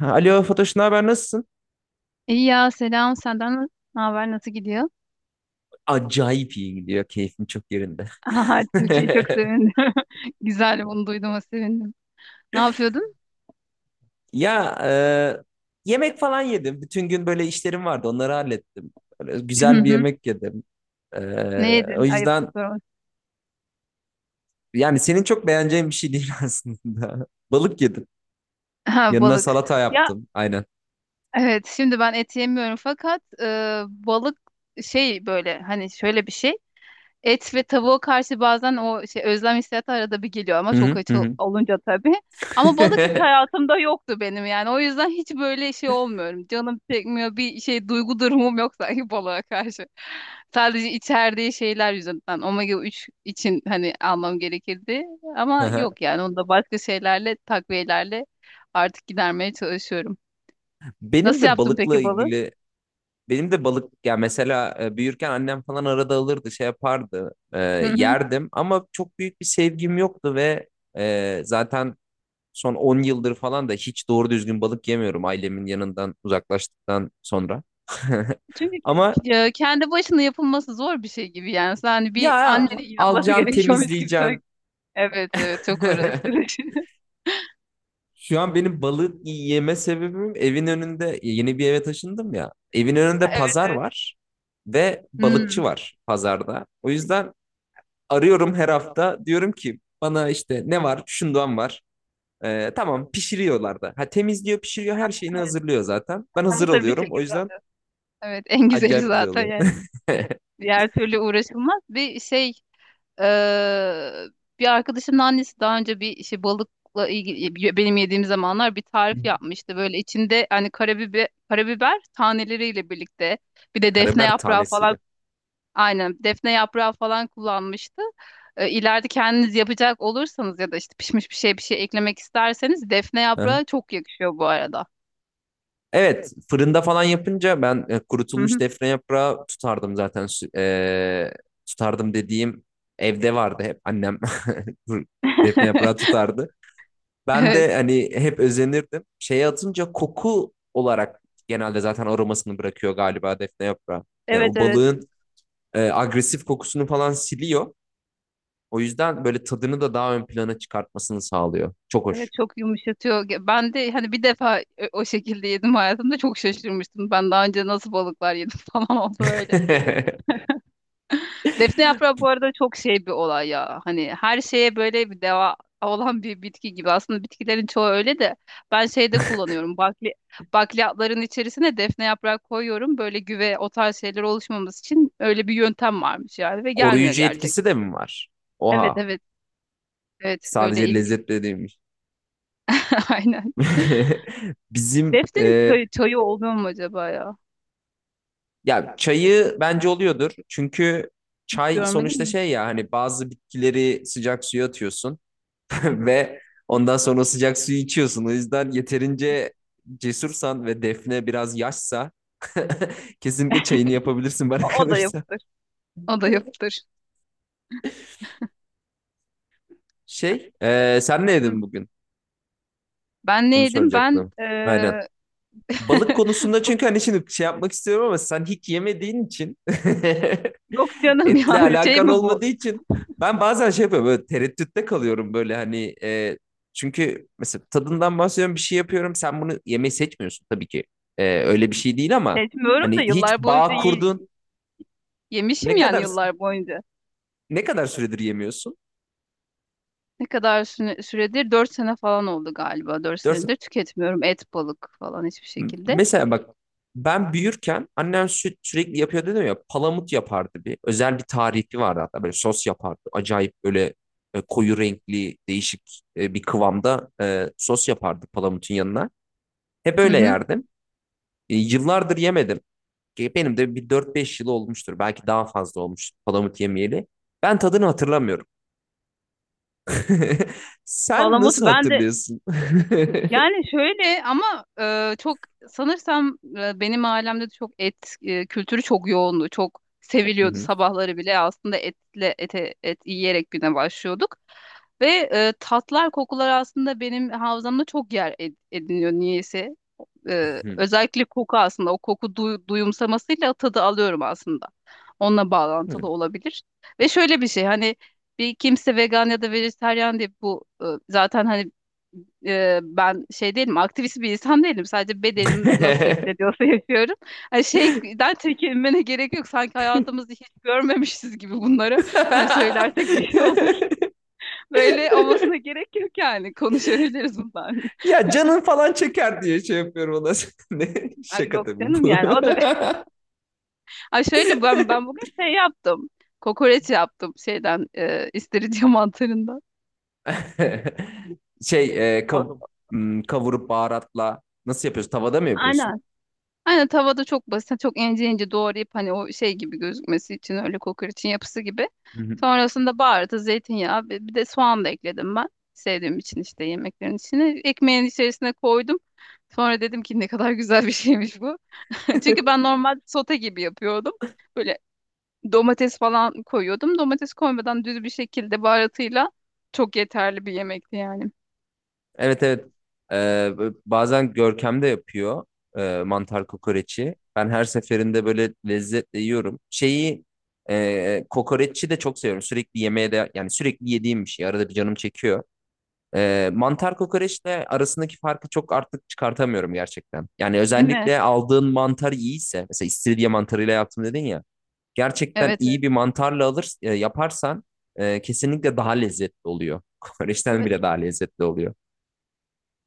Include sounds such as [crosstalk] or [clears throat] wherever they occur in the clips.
Alo Fatoş, ne haber? Nasılsın? İyi ya, selam senden, ne haber, nasıl gidiyor? Acayip iyi gidiyor. Keyfim çok yerinde. [laughs] Aha, Türkiye, çok [laughs] sevindim. [laughs] Güzel, bunu duyduğuma sevindim. Ne yapıyordun? Ya yemek falan yedim. Bütün gün böyle işlerim vardı. Onları hallettim. Böyle [clears throat] Hı güzel bir hı. yemek yedim. E, Ne O yedin? Ayıptır yüzden sorması. yani senin çok beğeneceğin bir şey değil [laughs] aslında. Balık yedim. Ha, Yanına balık. salata Ya yaptım. Aynen. evet, şimdi ben et yemiyorum fakat balık şey, böyle hani şöyle bir şey. Et ve tavuğa karşı bazen o şey özlem hissiyatı arada bir geliyor ama çok Hı hı aç hı. olunca tabii. Ama balık hiç Hı. hayatımda yoktu benim yani. O yüzden hiç böyle şey olmuyorum. Canım çekmiyor, bir şey duygu durumum yok sanki balığa karşı. Sadece içerdiği şeyler yüzünden. Omega 3 için hani almam gerekirdi. [laughs] Ama Aha. yok yani, onu da başka şeylerle, takviyelerle artık gidermeye çalışıyorum. Benim Nasıl de yaptın balıkla peki balığı? ilgili Benim de balık ya mesela büyürken annem falan arada alırdı şey yapardı [laughs] yerdim ama çok büyük bir sevgim yoktu ve zaten son 10 yıldır falan da hiç doğru düzgün balık yemiyorum ailemin yanından uzaklaştıktan sonra. [laughs] Çünkü Ama kendi başına yapılması zor bir şey gibi yani. Sen hani bir ya annenin [laughs] yapması alacaksın gerekiyormuş gibi, temizleyeceksin. sanki. Evet evet, çok [laughs] uğraştırıcı. Şu an benim balık yeme sebebim evin önünde yeni bir eve taşındım ya. Evin önünde [laughs] Evet pazar evet. var ve balıkçı Hmm. var pazarda. O yüzden arıyorum her hafta. Diyorum ki bana işte ne var? Şundan var. Tamam pişiriyorlar da. Ha, temizliyor, pişiriyor, her şeyini hazırlıyor zaten. Ben hazır Hazır bir alıyorum. O şekilde yüzden alıyorsun. Evet, [laughs] en güzeli acayip güzel zaten oluyor. yani. [laughs] Diğer türlü uğraşılmaz. Bir şey e, bir arkadaşımın annesi daha önce bir şey balıkla ilgili, benim yediğim zamanlar, bir tarif yapmıştı. Böyle içinde hani karabiber taneleriyle birlikte, bir de defne Karabiber yaprağı tanesiyle. falan. Aynen. Defne yaprağı falan kullanmıştı. İleride kendiniz yapacak olursanız ya da işte pişmiş bir şey bir şey eklemek isterseniz, defne Hı. yaprağı çok yakışıyor bu arada. Evet, fırında falan yapınca ben Hı kurutulmuş hı. defne yaprağı tutardım zaten. Tutardım dediğim evde vardı hep annem. [laughs] Defne yaprağı [laughs] tutardı. Ben Evet. de hani hep özenirdim. Şeye atınca koku olarak genelde zaten aromasını bırakıyor galiba defne yaprağı. Yani Evet o evet. balığın agresif kokusunu falan siliyor. O yüzden böyle tadını da daha ön plana çıkartmasını sağlıyor. Çok Evet, hoş. çok yumuşatıyor. Ben de hani bir defa o şekilde yedim, hayatımda çok şaşırmıştım. Ben daha önce nasıl balıklar yedim [laughs] falan oldu böyle. [laughs] Defne yaprağı bu arada çok şey bir olay ya. Hani her şeye böyle bir deva olan bir bitki gibi. Aslında bitkilerin çoğu öyle de, ben şeyde kullanıyorum. Bakliyatların içerisine defne yaprağı koyuyorum. Böyle güve, o tarz şeyler oluşmaması için öyle bir yöntem varmış yani, ve gelmiyor Koruyucu etkisi gerçekten. de mi var? Evet Oha. evet, evet, öyle Sadece ilginç. lezzetli değilmiş. [laughs] Aynen. [laughs] Bizim Defnenin e, çayı oluyor mu acaba ya? Ya Yok, çayı bence oluyordur. Çünkü çay görmedim sonuçta mi? şey ya hani bazı bitkileri sıcak suya atıyorsun. [laughs] Ve ondan sonra sıcak suyu içiyorsun. O yüzden yeterince cesursan ve Defne biraz yaşsa [laughs] kesinlikle çayını yapabilirsin bana O da kalırsa. yapılır. O da yapılır. Sen ne Hı. yedin bugün? Ben ne Onu yedim? Ben soracaktım. Aynen. [laughs] Balık konusunda bu. çünkü hani şimdi şey yapmak istiyorum ama sen hiç yemediğin için Yok [laughs] canım etle yani, [laughs] şey alakan mi bu? olmadığı için ben bazen şey yapıyorum böyle tereddütte kalıyorum böyle hani çünkü mesela tadından bahsediyorum bir şey yapıyorum sen bunu yemeyi seçmiyorsun tabii ki. Öyle bir şey değil ama Seçmiyorum hani da, hiç yıllar boyunca bağ kurdun, yemişim ne yani, kadar yıllar boyunca. ne kadar süredir yemiyorsun? Ne kadar süredir? 4 sene falan oldu galiba. 4 Dört, senedir tüketmiyorum et, balık falan hiçbir şekilde. Mesela bak ben büyürken annem sürekli yapıyor dedim ya palamut yapardı bir. Özel bir tarifi vardı hatta böyle sos yapardı. Acayip böyle koyu renkli değişik bir kıvamda sos yapardı palamutun yanına. Hep Hı öyle hı. yerdim. Yıllardır yemedim. Benim de bir 4-5 yıl olmuştur. Belki daha fazla olmuştur palamut yemeyeli. Ben tadını hatırlamıyorum. [laughs] Sen Palamut, nasıl ben de hatırlıyorsun? [laughs] yani şöyle, ama çok sanırsam, benim ailemde de çok et kültürü çok yoğundu. Çok Hı seviliyordu, hı. sabahları bile aslında ete, et yiyerek güne başlıyorduk. Ve tatlar, kokular aslında benim havzamda çok yer ediniyor niyeyse. E, özellikle koku, aslında o koku duyumsamasıyla tadı alıyorum aslında. Onunla Hı bağlantılı olabilir. Ve şöyle bir şey, hani bir kimse vegan ya da vejetaryen diye bu, zaten hani, ben şey değilim, aktivist bir insan değilim. Sadece bedenim nasıl hissediyorsa [laughs] yapıyorum. Hani şeyden çekinmene gerek yok, sanki hayatımızı hiç görmemişiz gibi bunları. Hani hı. söylersek bir şey olur. [laughs] [laughs] Böyle olmasına gerek yok yani. Konuşabiliriz bundan. [laughs] Ya canın falan çeker diye şey yapıyorum ona. [laughs] Ne? Ay, Şaka yok tabii canım bu. yani. O da. [laughs] Ay, şöyle, ben bugün şey yaptım. Kokoreç yaptım, şeyden, istiridye [laughs] mantarından. Şey, e, O- kav- Kavurup baharatla nasıl yapıyorsun? Tavada mı yapıyorsun? Aynen. Aynen tavada, çok basit, çok ince ince doğrayıp hani o şey gibi gözükmesi için, öyle kokoreçin yapısı gibi. Hı hı. Sonrasında baharatı, zeytinyağı, bir de soğan da ekledim ben. Sevdiğim için işte yemeklerin içine. Ekmeğin içerisine koydum. Sonra dedim ki ne kadar güzel bir şeymiş bu. [laughs] Çünkü [laughs] ben normal sote gibi yapıyordum. Böyle domates falan koyuyordum. Domates koymadan, düz bir şekilde baharatıyla, çok yeterli bir yemekti yani. Evet, evet. Ee, Bazen Görkem de yapıyor mantar kokoreçi. Ben her seferinde böyle lezzetle yiyorum. Şeyi kokoreçi de çok seviyorum. Sürekli yemeğe de yani sürekli yediğim bir şey. Arada bir canım çekiyor. Mantar kokoreçle arasındaki farkı çok artık çıkartamıyorum gerçekten. Yani Değil mi? özellikle aldığın mantar iyiyse, mesela istiridye mantarıyla yaptım dedin ya, gerçekten Evet iyi evet. bir mantarla alır, yaparsan kesinlikle daha lezzetli oluyor. [laughs] Kokoreçten Evet. bile daha lezzetli oluyor.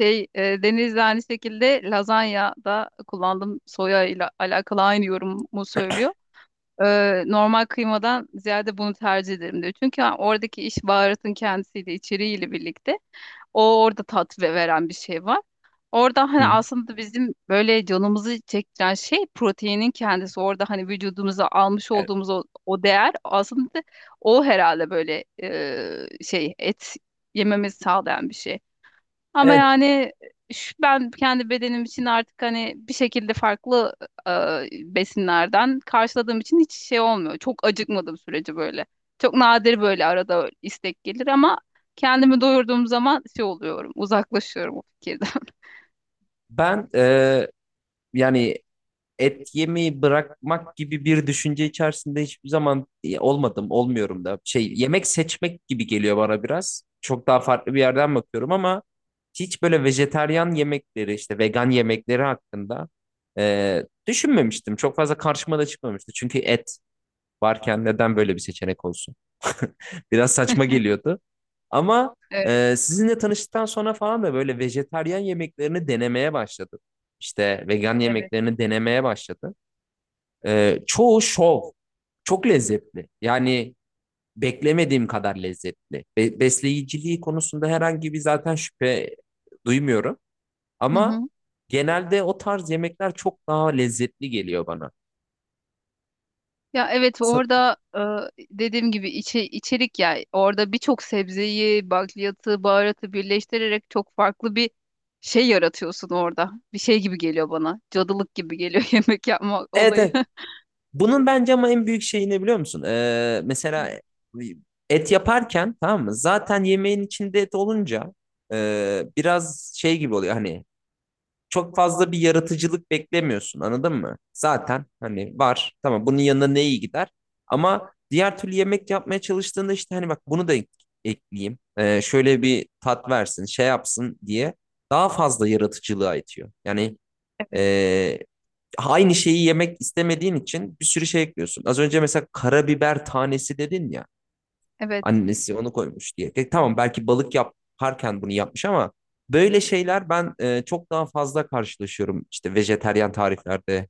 Şey, Deniz'de aynı şekilde lazanya da kullandım. Soya ile alakalı aynı yorumu söylüyor. E, normal kıymadan ziyade bunu tercih ederim diyor. Çünkü oradaki iş baharatın kendisiyle, içeriğiyle birlikte, o orada tat veren bir şey var. Orada Hı hani hı. aslında bizim böyle canımızı çektiren şey proteinin kendisi. Orada hani vücudumuza almış E- olduğumuz o değer aslında, o herhalde böyle, şey et yememizi sağlayan bir şey. Ama Evet, yani, şu, ben kendi bedenim için artık hani bir şekilde farklı besinlerden karşıladığım için, hiç şey olmuyor. Çok acıkmadığım sürece böyle. Çok nadir böyle arada istek gelir ama kendimi doyurduğum zaman şey oluyorum, uzaklaşıyorum o fikirden. [laughs] ben yani et yemeyi bırakmak gibi bir düşünce içerisinde hiçbir zaman olmadım, olmuyorum da. Şey, yemek seçmek gibi geliyor bana biraz. Çok daha farklı bir yerden bakıyorum ama hiç böyle vejetaryen yemekleri işte vegan yemekleri hakkında düşünmemiştim. Çok fazla karşıma da çıkmamıştı. Çünkü et varken neden böyle bir seçenek olsun? Biraz saçma geliyordu. Ama Evet, sizinle tanıştıktan sonra falan da böyle vejetaryen yemeklerini denemeye başladım. İşte vegan evet. yemeklerini denemeye başladım. Çoğu şov. Çok lezzetli. Yani beklemediğim kadar lezzetli. Besleyiciliği konusunda herhangi bir zaten şüphe duymuyorum. Hı Ama hı. genelde o tarz yemekler çok daha lezzetli geliyor bana. Ya evet, Sa- orada dediğim gibi, içerik ya, orada birçok sebzeyi, bakliyatı, baharatı birleştirerek çok farklı bir şey yaratıyorsun orada. Bir şey gibi geliyor bana. Cadılık gibi geliyor [laughs] yemek yapma Evet, olayı. evet. Bunun bence ama en büyük şeyi ne biliyor musun? [laughs] Et yaparken tamam mı? Zaten yemeğin içinde et olunca biraz şey gibi oluyor hani çok fazla bir yaratıcılık beklemiyorsun anladın mı? Zaten hani var tamam bunun yanına ne iyi gider ama diğer türlü yemek yapmaya çalıştığında işte hani bak bunu da ekleyeyim. Şöyle bir tat versin şey yapsın diye daha fazla yaratıcılığa itiyor. Yani Evet. e, aynı şeyi yemek istemediğin için bir sürü şey ekliyorsun. Az önce mesela karabiber tanesi dedin ya. Evet. Annesi onu koymuş diye. E, tamam belki balık yaparken bunu yapmış ama böyle şeyler ben çok daha fazla karşılaşıyorum. İşte vejeteryan tariflerde,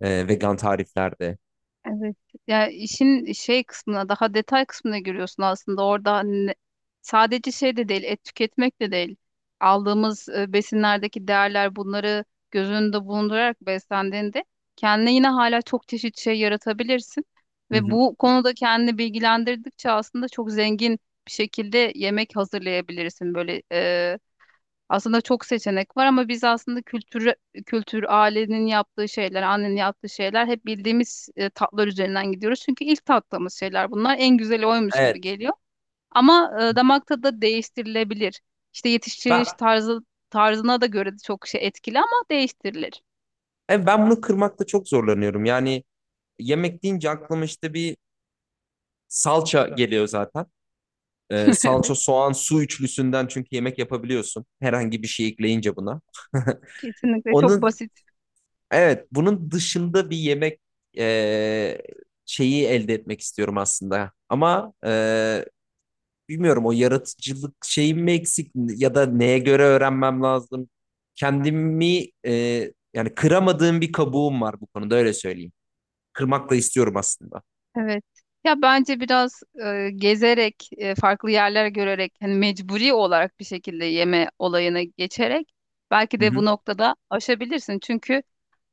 vegan tariflerde. Evet. Yani işin şey kısmına, daha detay kısmına giriyorsun aslında. Orada hani sadece şey de değil, et tüketmek de değil. Aldığımız besinlerdeki değerler, bunları göz önünde bulundurarak beslendiğinde, kendine yine hala çok çeşit şey yaratabilirsin. Hı Ve hı. bu konuda kendini bilgilendirdikçe aslında çok zengin bir şekilde yemek hazırlayabilirsin. Böyle, aslında çok seçenek var ama biz aslında, kültür, ailenin yaptığı şeyler, annenin yaptığı şeyler, hep bildiğimiz tatlar üzerinden gidiyoruz. Çünkü ilk tattığımız şeyler bunlar. En güzeli oymuş gibi Evet. geliyor. Ama damak tadı da değiştirilebilir. İşte Ben yetiştiriliş tarzına da göre de çok şey etkili, ama değiştirilir. Ben bunu kırmakta çok zorlanıyorum. Yani yemek deyince aklıma işte bir salça geliyor zaten. E, [laughs] salça, Evet, soğan, su üçlüsünden çünkü yemek yapabiliyorsun. Herhangi bir şey ekleyince buna. kesinlikle çok Onun basit. Evet, bunun dışında bir yemek eee, şeyi elde etmek istiyorum aslında. Ama bilmiyorum o yaratıcılık şeyim mi eksik ya da neye göre öğrenmem lazım. Kendimi yani kıramadığım bir kabuğum var bu konuda öyle söyleyeyim. Kırmak da istiyorum aslında. Evet. Ya bence biraz gezerek, farklı yerler görerek, hani mecburi olarak bir şekilde yeme olayına geçerek, belki de Hı bu noktada aşabilirsin. Çünkü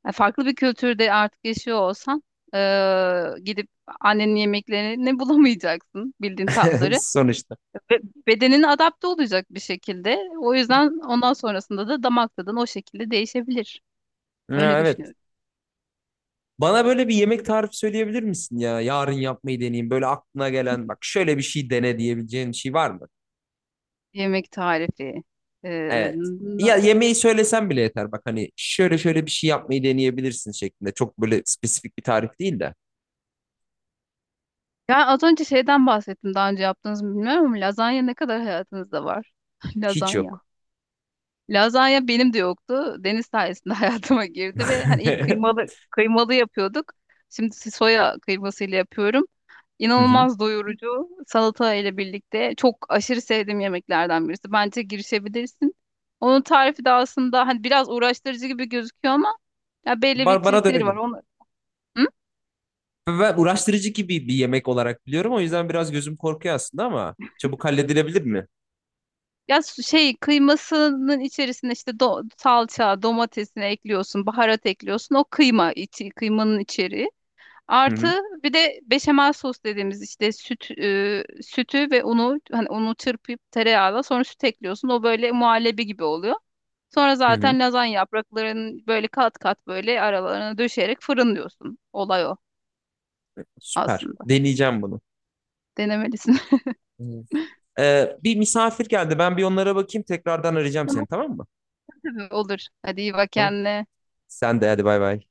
farklı bir kültürde artık yaşıyor olsan, gidip annenin yemeklerini [laughs] bulamayacaksın, bildiğin hı. [laughs] tatları. Sonuçta. Ve bedenine adapte olacak bir şekilde. O yüzden ondan sonrasında da damak tadın o şekilde değişebilir. Ha, Öyle evet. düşünüyorum. Bana böyle bir yemek tarifi söyleyebilir misin ya? Yarın yapmayı deneyeyim. Böyle aklına gelen bak şöyle bir şey dene diyebileceğin bir şey var mı? Yemek tarifi. e, Evet. Ya yemeği söylesen bile yeter. Bak hani şöyle şöyle bir şey yapmayı deneyebilirsin şeklinde. Çok böyle spesifik bir tarif değil de. Ya az önce şeyden bahsettim, daha önce yaptınız mı bilmiyorum, ama lazanya ne kadar hayatınızda var? [laughs] Hiç Lazanya. yok. Lazanya benim de yoktu. Deniz sayesinde [laughs] hayatıma girdi, ve hani [laughs] ilk Hı kıymalı kıymalı yapıyorduk. Şimdi soya kıymasıyla yapıyorum. hı. İnanılmaz doyurucu, salata ile birlikte çok aşırı sevdiğim yemeklerden birisi. Bence girişebilirsin. Onun tarifi de aslında hani biraz uğraştırıcı gibi gözüküyor ama ya, belli bir Bana da öyle trikleri var. geliyor. Onu... Hı? Ben uğraştırıcı gibi bir yemek olarak biliyorum. O yüzden biraz gözüm korkuyor aslında ama çabuk halledilebilir mi? Ya şey kıymasının içerisine işte salça, domatesini ekliyorsun, baharat ekliyorsun. O kıyma içi, kıymanın içeriği. Hı hı. Artı, bir de beşamel sos dediğimiz işte süt, sütü ve unu, hani unu çırpıp tereyağla sonra süt ekliyorsun. O böyle muhallebi gibi oluyor. Sonra Hı hı. zaten lazanya yapraklarını böyle kat kat böyle aralarına döşeyerek fırınlıyorsun. Olay o Süper. aslında. Deneyeceğim bunu. Denemelisin. [laughs] Evet. Bir misafir geldi. Ben bir onlara bakayım. Tekrardan arayacağım Tamam, seni tamam mı? tabii olur. Hadi, iyi bak Tamam. kendine. Sen de hadi bay bay.